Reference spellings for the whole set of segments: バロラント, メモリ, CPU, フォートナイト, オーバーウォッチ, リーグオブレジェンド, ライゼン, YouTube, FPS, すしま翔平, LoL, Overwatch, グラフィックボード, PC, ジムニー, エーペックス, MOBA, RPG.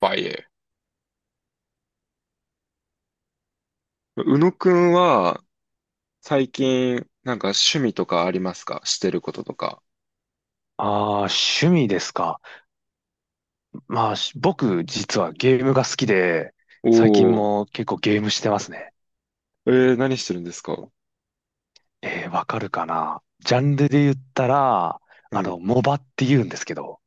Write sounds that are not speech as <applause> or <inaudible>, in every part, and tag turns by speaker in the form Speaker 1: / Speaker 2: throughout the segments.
Speaker 1: バイエ。宇野くんは、最近、なんか趣味とかありますか？してることとか。
Speaker 2: ああ、趣味ですか。まあ、僕、実はゲームが好きで、最近
Speaker 1: おー、
Speaker 2: も結構ゲームしてますね。
Speaker 1: 何してるんですか？
Speaker 2: わかるかな。ジャンルで言ったら、
Speaker 1: うん。
Speaker 2: モバって言うんですけど、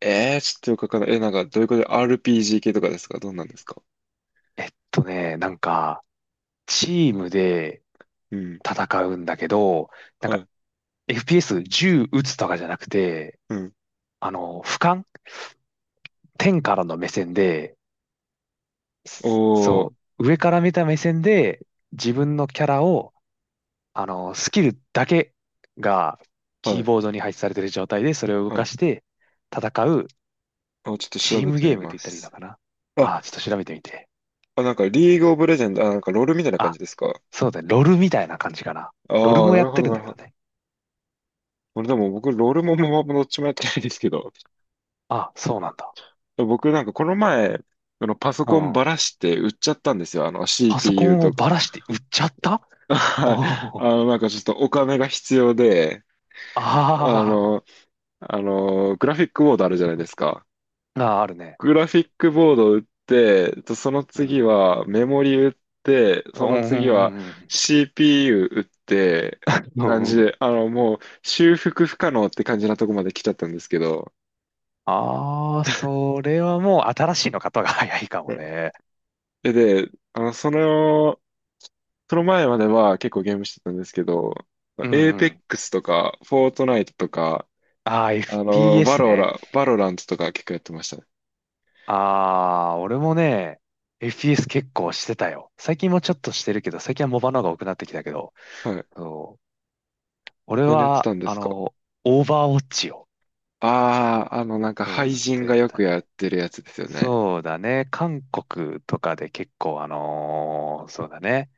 Speaker 1: ちょっとよくわかんない。なんか、どういうことで RPG 系とかですか？どんなんですか？
Speaker 2: なんか、チームで
Speaker 1: うん。
Speaker 2: 戦うんだけど、なん
Speaker 1: は
Speaker 2: か、
Speaker 1: い。
Speaker 2: FPS 銃撃つとかじゃなくて、
Speaker 1: うん。
Speaker 2: 俯瞰天からの目線で、
Speaker 1: お
Speaker 2: そ
Speaker 1: ー、
Speaker 2: う、上から見た目線で、自分のキャラをスキルだけがキ
Speaker 1: は
Speaker 2: ー
Speaker 1: い。
Speaker 2: ボードに配置されている状態で、それを動
Speaker 1: は
Speaker 2: か
Speaker 1: い。
Speaker 2: して戦う
Speaker 1: あ、ちょっと
Speaker 2: チ
Speaker 1: 調
Speaker 2: ー
Speaker 1: べ
Speaker 2: ム
Speaker 1: て
Speaker 2: ゲ
Speaker 1: み
Speaker 2: ームっ
Speaker 1: ま
Speaker 2: て言ったらいいの
Speaker 1: す。
Speaker 2: かな。
Speaker 1: あ、
Speaker 2: ああ、ちょっと調べてみて。
Speaker 1: あ、なんか、リーグオブレジェンド、あ、なんか、ロールみたいな感
Speaker 2: あ、
Speaker 1: じですか？
Speaker 2: そうだね。ロルみたいな感じかな。
Speaker 1: あ
Speaker 2: ロル
Speaker 1: あー、
Speaker 2: も
Speaker 1: な
Speaker 2: やっ
Speaker 1: るほ
Speaker 2: て
Speaker 1: ど、
Speaker 2: るん
Speaker 1: な
Speaker 2: だ
Speaker 1: る
Speaker 2: け
Speaker 1: ほ
Speaker 2: ど
Speaker 1: ど。
Speaker 2: ね。
Speaker 1: 俺でも僕、ロールもママもどっちもやってないですけど。
Speaker 2: あ、そうなんだ。
Speaker 1: 僕なんかこの前、あのパソ
Speaker 2: う
Speaker 1: コンば
Speaker 2: ん。
Speaker 1: らして売っちゃったんですよ。あの
Speaker 2: パソコ
Speaker 1: CPU
Speaker 2: ンを
Speaker 1: とか。
Speaker 2: ばらして売っちゃった？
Speaker 1: <laughs>
Speaker 2: お
Speaker 1: はい。
Speaker 2: おー。
Speaker 1: なんかちょっとお金が必要で、あ
Speaker 2: あ
Speaker 1: の、グラフィックボードあるじゃないですか。
Speaker 2: ーあー、あるね。
Speaker 1: グラフィックボードを売って、とその
Speaker 2: う
Speaker 1: 次
Speaker 2: ん。
Speaker 1: はメモリ売って、
Speaker 2: う
Speaker 1: その
Speaker 2: んう
Speaker 1: 次
Speaker 2: んう
Speaker 1: は
Speaker 2: んうん。
Speaker 1: CPU 売って、って
Speaker 2: う
Speaker 1: 感
Speaker 2: んう
Speaker 1: じ
Speaker 2: ん。
Speaker 1: で、もう修復不可能って感じなとこまで来ちゃったんですけど。
Speaker 2: ああ、それはもう新しいの方が早いかも
Speaker 1: ね。
Speaker 2: ね。
Speaker 1: で、で、その前までは結構ゲームしてたんですけど、
Speaker 2: う
Speaker 1: エー
Speaker 2: ん
Speaker 1: ペ
Speaker 2: う
Speaker 1: ッ
Speaker 2: ん。
Speaker 1: クスとか、フォートナイトとか、
Speaker 2: ああ、FPS ね。
Speaker 1: バロラントとか結構やってましたね。
Speaker 2: あー、俺もね、FPS 結構してたよ。最近もちょっとしてるけど、最近はモバの方が多くなってきたけど、
Speaker 1: はい。
Speaker 2: そう、俺
Speaker 1: 何やって
Speaker 2: は、
Speaker 1: たんですか？
Speaker 2: オーバーウォッチを、
Speaker 1: ああー、なんか、
Speaker 2: そう、
Speaker 1: 廃
Speaker 2: ずっ
Speaker 1: 人
Speaker 2: とやっ
Speaker 1: が
Speaker 2: て
Speaker 1: よ
Speaker 2: た
Speaker 1: くやっ
Speaker 2: ね。
Speaker 1: てるやつですよね。
Speaker 2: そうだね、韓国とかで結構、そうだね、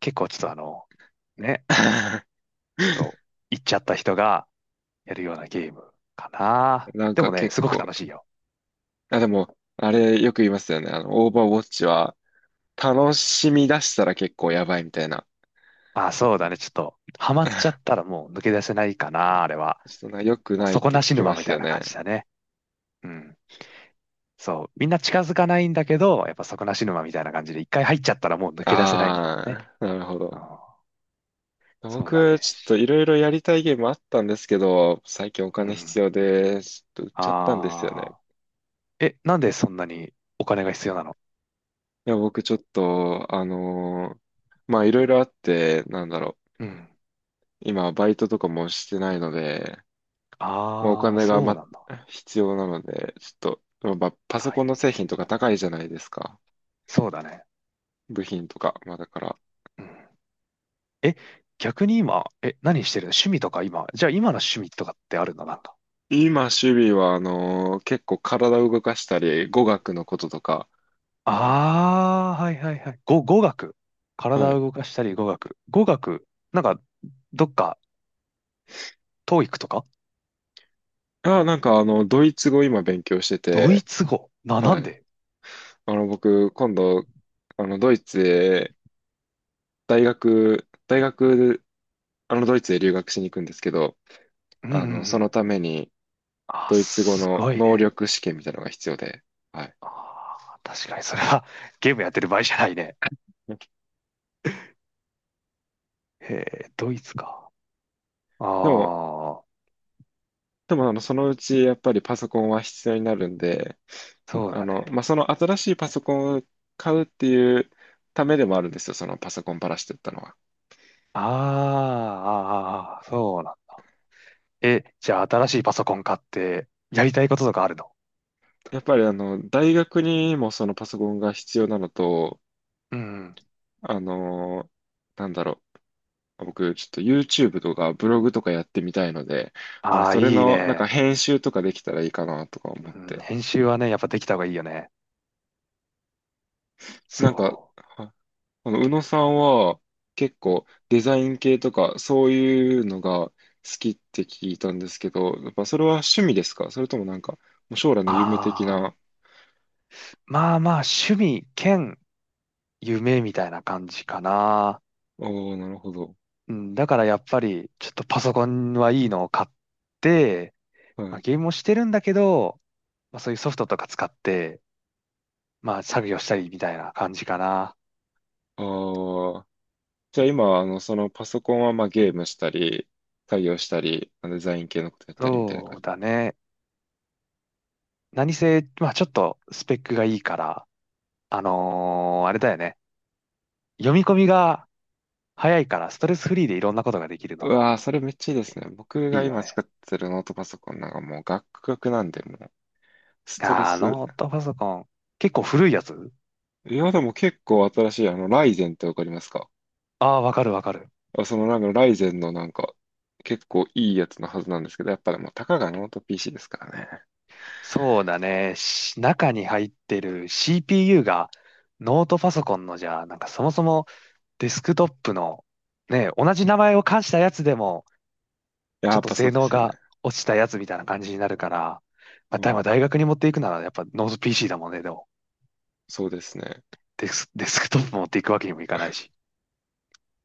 Speaker 2: 結構ちょっとね、
Speaker 1: <laughs>
Speaker 2: ちょっと、行っちゃった人がやるようなゲームかな。
Speaker 1: なん
Speaker 2: で
Speaker 1: か
Speaker 2: もね、
Speaker 1: 結
Speaker 2: すごく
Speaker 1: 構、
Speaker 2: 楽しいよ。
Speaker 1: あ、でも、あれよく言いますよね。オーバーウォッチは、楽しみ出したら結構やばいみたいな。
Speaker 2: まああそうだね、ちょっと、ハマっちゃったらもう抜け出せないかな、あれは。
Speaker 1: ちょっとな、良く
Speaker 2: もう
Speaker 1: ないっ
Speaker 2: 底
Speaker 1: て聞
Speaker 2: なし
Speaker 1: き
Speaker 2: 沼
Speaker 1: ま
Speaker 2: み
Speaker 1: す
Speaker 2: たい
Speaker 1: よ
Speaker 2: な
Speaker 1: ね。
Speaker 2: 感じだね。うん。そう。みんな近づかないんだけど、やっぱ底なし沼みたいな感じで、一回入っちゃったらもう抜け出せないみたいな
Speaker 1: あ
Speaker 2: ね。
Speaker 1: あ、なるほ
Speaker 2: あ
Speaker 1: ど。
Speaker 2: あ、そうだね。
Speaker 1: 僕、ちょっといろいろやりたいゲームあったんですけど、最近お
Speaker 2: う
Speaker 1: 金
Speaker 2: ん。
Speaker 1: 必要で、ちょっと売っちゃったんですよね。
Speaker 2: ああ。え、なんでそんなにお金が必要なの？
Speaker 1: いや、僕ちょっと、まあいろいろあって、なんだろう。
Speaker 2: うん。
Speaker 1: 今、バイトとかもしてないので、まあ、お
Speaker 2: ああ、
Speaker 1: 金が、
Speaker 2: そうなんだ。
Speaker 1: 必要なので、ちょっと、まあ、パソ
Speaker 2: 大
Speaker 1: コンの製品
Speaker 2: 変
Speaker 1: とか
Speaker 2: だ
Speaker 1: 高
Speaker 2: ね。
Speaker 1: いじゃないですか。
Speaker 2: そうだね。
Speaker 1: 部品とか。まあだから、
Speaker 2: うん。え、逆に今、え、何してるの？趣味とか今。じゃあ今の趣味とかってあるの？なんか。
Speaker 1: 今、趣味は、結構体を動かしたり、語学のこととか、
Speaker 2: ああ、はいはいはい。語学。
Speaker 1: は
Speaker 2: 体を
Speaker 1: い。
Speaker 2: 動かしたり語学。語学、なんか、どっか、トー e とか
Speaker 1: あ、なんかドイツ語今勉強して
Speaker 2: ドイ
Speaker 1: て、
Speaker 2: ツ語。な、な
Speaker 1: は
Speaker 2: ん
Speaker 1: い。
Speaker 2: で
Speaker 1: 僕、今度、あの、ドイツへ、大学、ドイツへ留学しに行くんですけど、
Speaker 2: うんうんう
Speaker 1: その
Speaker 2: ん。
Speaker 1: ために、
Speaker 2: あ、
Speaker 1: ドイツ語
Speaker 2: す
Speaker 1: の
Speaker 2: ごい
Speaker 1: 能
Speaker 2: ね。
Speaker 1: 力試験みたいなのが必要で、はい。
Speaker 2: あー、確かにそれは <laughs> ゲームやってる場合じゃないね。へえ、ドイツか。あ
Speaker 1: でも、
Speaker 2: あ、
Speaker 1: でも、そのうち、やっぱりパソコンは必要になるんで、
Speaker 2: そうだね。
Speaker 1: まあ、その新しいパソコンを買うっていうためでもあるんですよ、そのパソコンパラしてったのは。
Speaker 2: あーあー、あーそうなん。え、じゃあ新しいパソコン買って、やりたいこととかあるの？
Speaker 1: やっぱり、大学にもそのパソコンが必要なのと、
Speaker 2: うん。
Speaker 1: あの、なんだろう、僕、ちょっと YouTube とかブログとかやってみたいので、
Speaker 2: ああ、
Speaker 1: それ
Speaker 2: いい
Speaker 1: の、なんか
Speaker 2: ね。
Speaker 1: 編集とかできたらいいかなとか思っ
Speaker 2: うん、
Speaker 1: て。
Speaker 2: 編集はね、やっぱできた方がいいよね。そ
Speaker 1: なんか、
Speaker 2: う。
Speaker 1: はあの、宇野さんは結構デザイン系とかそういうのが好きって聞いたんですけど、やっぱそれは趣味ですか？それともなんか、もう将来の夢的
Speaker 2: あ
Speaker 1: な。
Speaker 2: あ、まあまあ、趣味兼夢みたいな感じかな。
Speaker 1: おー、なるほど。
Speaker 2: うん、だからやっぱり、ちょっとパソコンはいいのを買って、
Speaker 1: は
Speaker 2: まあ、
Speaker 1: い。
Speaker 2: ゲームもしてるんだけど、まあ、そういうソフトとか使って、まあ、作業したりみたいな感じかな。
Speaker 1: ああ、じゃあ今、そのパソコンはまあゲームしたり、作業したり、まあのデザイン系のことやったりみたいな
Speaker 2: そ
Speaker 1: 感
Speaker 2: う
Speaker 1: じ？
Speaker 2: だね。何せ、まあ、ちょっとスペックがいいから、あれだよね。読み込みが早いから、ストレスフリーでいろんなことができる
Speaker 1: う
Speaker 2: のが
Speaker 1: わー、それめっちゃいいですね。僕
Speaker 2: い
Speaker 1: が
Speaker 2: いよ
Speaker 1: 今
Speaker 2: ね。
Speaker 1: 使ってるノートパソコンなんかもうガックガクなんで、もうストレ
Speaker 2: あー、
Speaker 1: ス。
Speaker 2: ノートパソコン。結構古いやつ？
Speaker 1: いや、でも結構新しい、ライゼンってわかりますか？
Speaker 2: ああー、わかるわかる。
Speaker 1: あ、そのなんかライゼンのなんか結構いいやつのはずなんですけど、やっぱでもたかがノート PC ですからね。
Speaker 2: そうだね。中に入ってる CPU がノートパソコンのじゃあ、なんかそもそもデスクトップのね、同じ名前を冠したやつでも
Speaker 1: いや、
Speaker 2: ち
Speaker 1: や
Speaker 2: ょっ
Speaker 1: っ
Speaker 2: と
Speaker 1: ぱそ
Speaker 2: 性
Speaker 1: うで
Speaker 2: 能
Speaker 1: すよね。
Speaker 2: が落ちたやつみたいな感じになるから、まあ、
Speaker 1: う
Speaker 2: まあ
Speaker 1: ん、
Speaker 2: 大学に持っていくならやっぱノート PC だもんね、でも。
Speaker 1: そうですね。
Speaker 2: デスクトップ持っていくわけにもいかないし。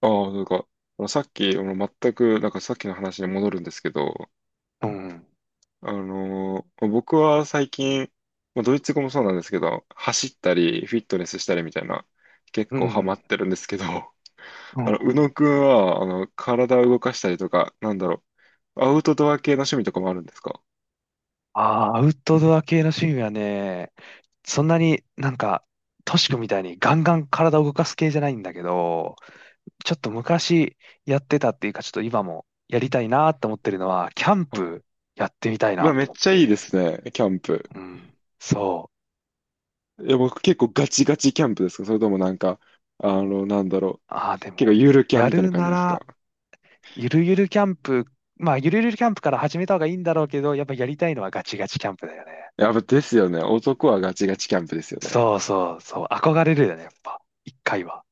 Speaker 1: ああ、なんか、あのさっき、あの全く、なんかさっきの話に戻るんですけど、
Speaker 2: うん。
Speaker 1: 僕は最近、まあドイツ語もそうなんですけど、走ったり、フィットネスしたりみたいな、結
Speaker 2: う
Speaker 1: 構ハマっ
Speaker 2: ん。
Speaker 1: てるんですけど、<laughs>
Speaker 2: うん。う
Speaker 1: 宇
Speaker 2: ん。
Speaker 1: 野くんは、体を動かしたりとか、なんだろう、アウトドア系の趣味とかもあるんですか？
Speaker 2: ああ、アウトドア系の趣味はね、そんなになんか、トシ君みたいにガンガン体を動かす系じゃないんだけど、ちょっと昔やってたっていうか、ちょっと今もやりたいなと思ってるのは、キャン
Speaker 1: はい。
Speaker 2: プやってみたい
Speaker 1: う
Speaker 2: な
Speaker 1: わ、め
Speaker 2: と
Speaker 1: っ
Speaker 2: 思っ
Speaker 1: ちゃいいで
Speaker 2: て。
Speaker 1: すね、キャンプ。
Speaker 2: うん。そう。
Speaker 1: いや僕結構ガチガチキャンプですか？それともなんか、なんだろう、
Speaker 2: ああ、で
Speaker 1: 結構
Speaker 2: も、
Speaker 1: ゆるキャン
Speaker 2: や
Speaker 1: みたいな
Speaker 2: る
Speaker 1: 感じ
Speaker 2: な
Speaker 1: ですか？
Speaker 2: ら、ゆるゆるキャンプ、まあ、ゆるゆるキャンプから始めた方がいいんだろうけど、やっぱやりたいのはガチガチキャンプだよね。
Speaker 1: やっぱですよね。男はガチガチキャンプですよね。
Speaker 2: そうそうそう。憧れるよね、やっぱ。一回は。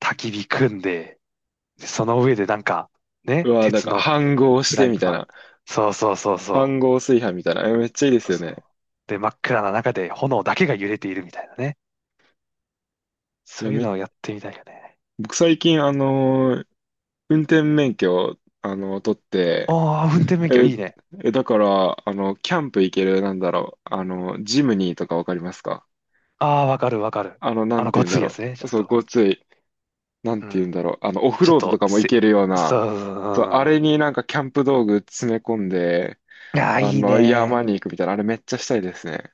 Speaker 2: 焚き火組んで、でその上でなんか、
Speaker 1: う
Speaker 2: ね、
Speaker 1: わ、なん
Speaker 2: 鉄
Speaker 1: か、
Speaker 2: の
Speaker 1: 飯合し
Speaker 2: フラ
Speaker 1: て
Speaker 2: イ
Speaker 1: みたい
Speaker 2: パン。
Speaker 1: な。
Speaker 2: そうそうそうそ
Speaker 1: 飯合炊飯みたいな。え、めっちゃいいで
Speaker 2: う。そ
Speaker 1: す
Speaker 2: う
Speaker 1: よ
Speaker 2: そう
Speaker 1: ね。
Speaker 2: で、真っ暗な中で炎だけが揺れているみたいなね。
Speaker 1: い
Speaker 2: そ
Speaker 1: や、
Speaker 2: ういう
Speaker 1: め、
Speaker 2: のをやってみたいよね。
Speaker 1: 僕最近、運転免許を、取って、
Speaker 2: ああ、運転免許
Speaker 1: え、
Speaker 2: いいね。
Speaker 1: え、だから、キャンプ行ける、なんだろう、ジムニーとかわかりますか？
Speaker 2: ああ、わかるわかる。
Speaker 1: な
Speaker 2: あ
Speaker 1: ん
Speaker 2: の、
Speaker 1: て言
Speaker 2: ご
Speaker 1: うん
Speaker 2: つ
Speaker 1: だ
Speaker 2: いや
Speaker 1: ろ
Speaker 2: つね、ち
Speaker 1: う。
Speaker 2: ょっ
Speaker 1: そう、
Speaker 2: と。
Speaker 1: ごつい、なん
Speaker 2: う
Speaker 1: て言う
Speaker 2: ん。
Speaker 1: んだろう。オフ
Speaker 2: ちょっ
Speaker 1: ロードと
Speaker 2: と、
Speaker 1: かも行
Speaker 2: せ、
Speaker 1: けるよう
Speaker 2: そ
Speaker 1: な、
Speaker 2: う、
Speaker 1: そう、あ
Speaker 2: うん。
Speaker 1: れになんかキャンプ道具詰め込んで、
Speaker 2: いやー、いいね。
Speaker 1: 山に行くみたいな、あれめっちゃしたいですね。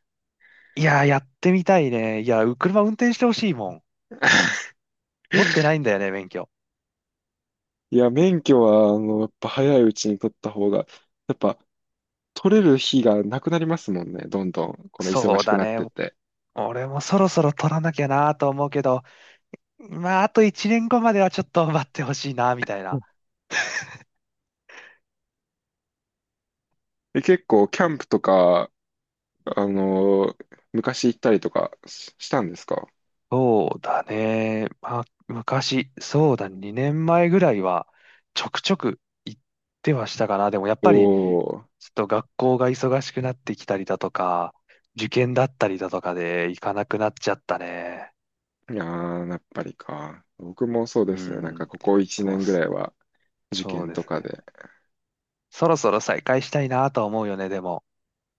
Speaker 2: いやー、やってみたいね。いやー、車運転してほしいもん。持ってないんだよね、免許。
Speaker 1: いや、免許は、やっぱ早いうちに取った方が、やっぱ取れる日がなくなりますもんね、どんどん、この忙
Speaker 2: そう
Speaker 1: しく
Speaker 2: だ
Speaker 1: なっ
Speaker 2: ね。
Speaker 1: てって。
Speaker 2: 俺もそろそろ取らなきゃなと思うけど、まあ、あと1年後まではちょっと待ってほしいな、みたいな。
Speaker 1: で、結構、キャンプとか、あの、昔行ったりとかししたんですか？
Speaker 2: そうだね。まあ、昔、そうだね、2年前ぐらいは、ちょくちょく行ってはしたかな。でもやっ
Speaker 1: お
Speaker 2: ぱり、
Speaker 1: ー、
Speaker 2: ちょっと学校が忙しくなってきたりだとか、受験だったりだとかで行かなくなっちゃったね。
Speaker 1: いやー、やっぱりか。僕もそうで
Speaker 2: う
Speaker 1: すね、なんか
Speaker 2: ん。
Speaker 1: ここ1
Speaker 2: でも、
Speaker 1: 年ぐ
Speaker 2: そ
Speaker 1: らいは、受
Speaker 2: そう
Speaker 1: 験
Speaker 2: で
Speaker 1: と
Speaker 2: す
Speaker 1: か
Speaker 2: ね。
Speaker 1: で。
Speaker 2: そろそろ再開したいなとは思うよね、でも。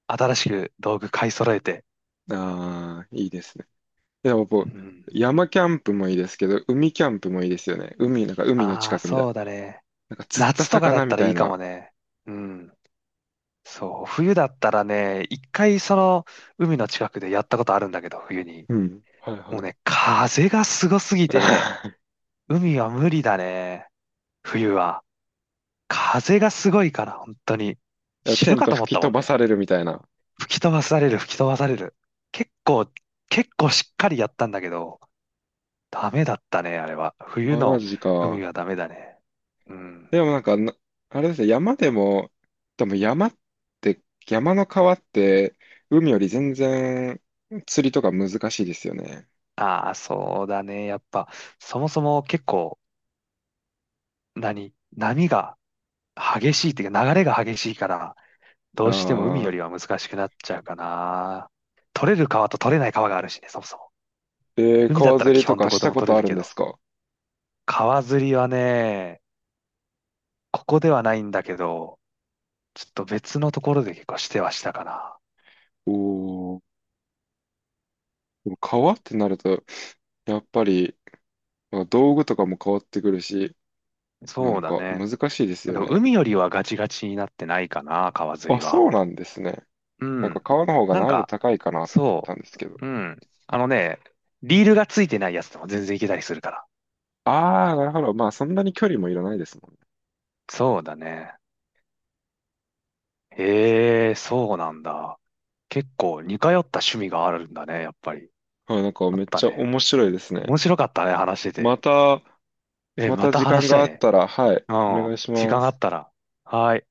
Speaker 2: 新しく道具買い揃えて。
Speaker 1: あー、いいですね。いや、
Speaker 2: う
Speaker 1: 僕、
Speaker 2: ん。
Speaker 1: 山キャンプもいいですけど、海キャンプもいいですよね。海、なんか海の
Speaker 2: あ
Speaker 1: 近
Speaker 2: あ、
Speaker 1: くみたいな。
Speaker 2: そうだね。
Speaker 1: なんか釣った
Speaker 2: 夏とかだっ
Speaker 1: 魚
Speaker 2: た
Speaker 1: み
Speaker 2: ら
Speaker 1: た
Speaker 2: いい
Speaker 1: い
Speaker 2: かも
Speaker 1: な。
Speaker 2: ね。うん。そう、冬だったらね、一回その海の近くでやったことあるんだけど、冬に。
Speaker 1: うん。はい
Speaker 2: も
Speaker 1: は
Speaker 2: う
Speaker 1: い。
Speaker 2: ね、風がすごすぎてね、
Speaker 1: <laughs>
Speaker 2: 海は無理だね、冬は。風がすごいから、本当に。
Speaker 1: いや、
Speaker 2: 死
Speaker 1: テ
Speaker 2: ぬ
Speaker 1: ン
Speaker 2: か
Speaker 1: ト
Speaker 2: と思っ
Speaker 1: 吹き
Speaker 2: たも
Speaker 1: 飛
Speaker 2: ん
Speaker 1: ば
Speaker 2: ね。
Speaker 1: されるみたいな。
Speaker 2: 吹き飛ばされる、吹き飛ばされる。結構、結構しっかりやったんだけど、ダメだったね、あれは。冬
Speaker 1: マ
Speaker 2: の
Speaker 1: ジ
Speaker 2: 海
Speaker 1: か。
Speaker 2: はダメだね。うん。
Speaker 1: でもなんかな、あれですね、山でも、でも山って、山の川って、海より全然釣りとか難しいですよね。
Speaker 2: ああ、そうだね。やっぱ、そもそも結構、何波が激しいっていうか流れが激しいから、どうしても海よ
Speaker 1: ああ、
Speaker 2: りは難しくなっちゃうかな。取れる川と取れない川があるしね、そもそも。海だっ
Speaker 1: 川
Speaker 2: たら
Speaker 1: 釣
Speaker 2: 基
Speaker 1: りと
Speaker 2: 本ど
Speaker 1: か
Speaker 2: こ
Speaker 1: し
Speaker 2: で
Speaker 1: た
Speaker 2: も
Speaker 1: こ
Speaker 2: 取
Speaker 1: と
Speaker 2: れ
Speaker 1: あ
Speaker 2: る
Speaker 1: る
Speaker 2: け
Speaker 1: んで
Speaker 2: ど。
Speaker 1: すか？
Speaker 2: 川釣りはね、ここではないんだけど、ちょっと別のところで結構してはしたかな。
Speaker 1: おおー、でも川ってなると、やっぱり、道具とかも変わってくるし、な
Speaker 2: そう
Speaker 1: ん
Speaker 2: だ
Speaker 1: か
Speaker 2: ね。
Speaker 1: 難しいです
Speaker 2: で
Speaker 1: よ
Speaker 2: も
Speaker 1: ね。
Speaker 2: 海よりはガチガチになってないかな、川釣
Speaker 1: あ、
Speaker 2: りは。
Speaker 1: そうなんですね。
Speaker 2: う
Speaker 1: なんか
Speaker 2: ん。
Speaker 1: 川の方が
Speaker 2: なん
Speaker 1: 難易度
Speaker 2: か、
Speaker 1: 高いかなと思っ
Speaker 2: そ
Speaker 1: たんですけど。
Speaker 2: う。うん。あのね、リールがついてないやつでも全然いけたりするから。
Speaker 1: ああ、なるほど。まあ、そんなに距離もいらないですもんね。
Speaker 2: そうだね。へえ、そうなんだ。結構似通った趣味があるんだね、やっぱり。
Speaker 1: はい、なんか
Speaker 2: あっ
Speaker 1: めっ
Speaker 2: た
Speaker 1: ちゃ
Speaker 2: ね。
Speaker 1: 面白いですね。
Speaker 2: 面白かったね、話して
Speaker 1: ま
Speaker 2: て。
Speaker 1: た、
Speaker 2: え、
Speaker 1: ま
Speaker 2: ま
Speaker 1: た
Speaker 2: た
Speaker 1: 時間
Speaker 2: 話した
Speaker 1: が
Speaker 2: い
Speaker 1: あっ
Speaker 2: ね。
Speaker 1: たら、はい、
Speaker 2: う
Speaker 1: お
Speaker 2: ん。
Speaker 1: 願いし
Speaker 2: 時
Speaker 1: ま
Speaker 2: 間あっ
Speaker 1: す。
Speaker 2: たら。はい。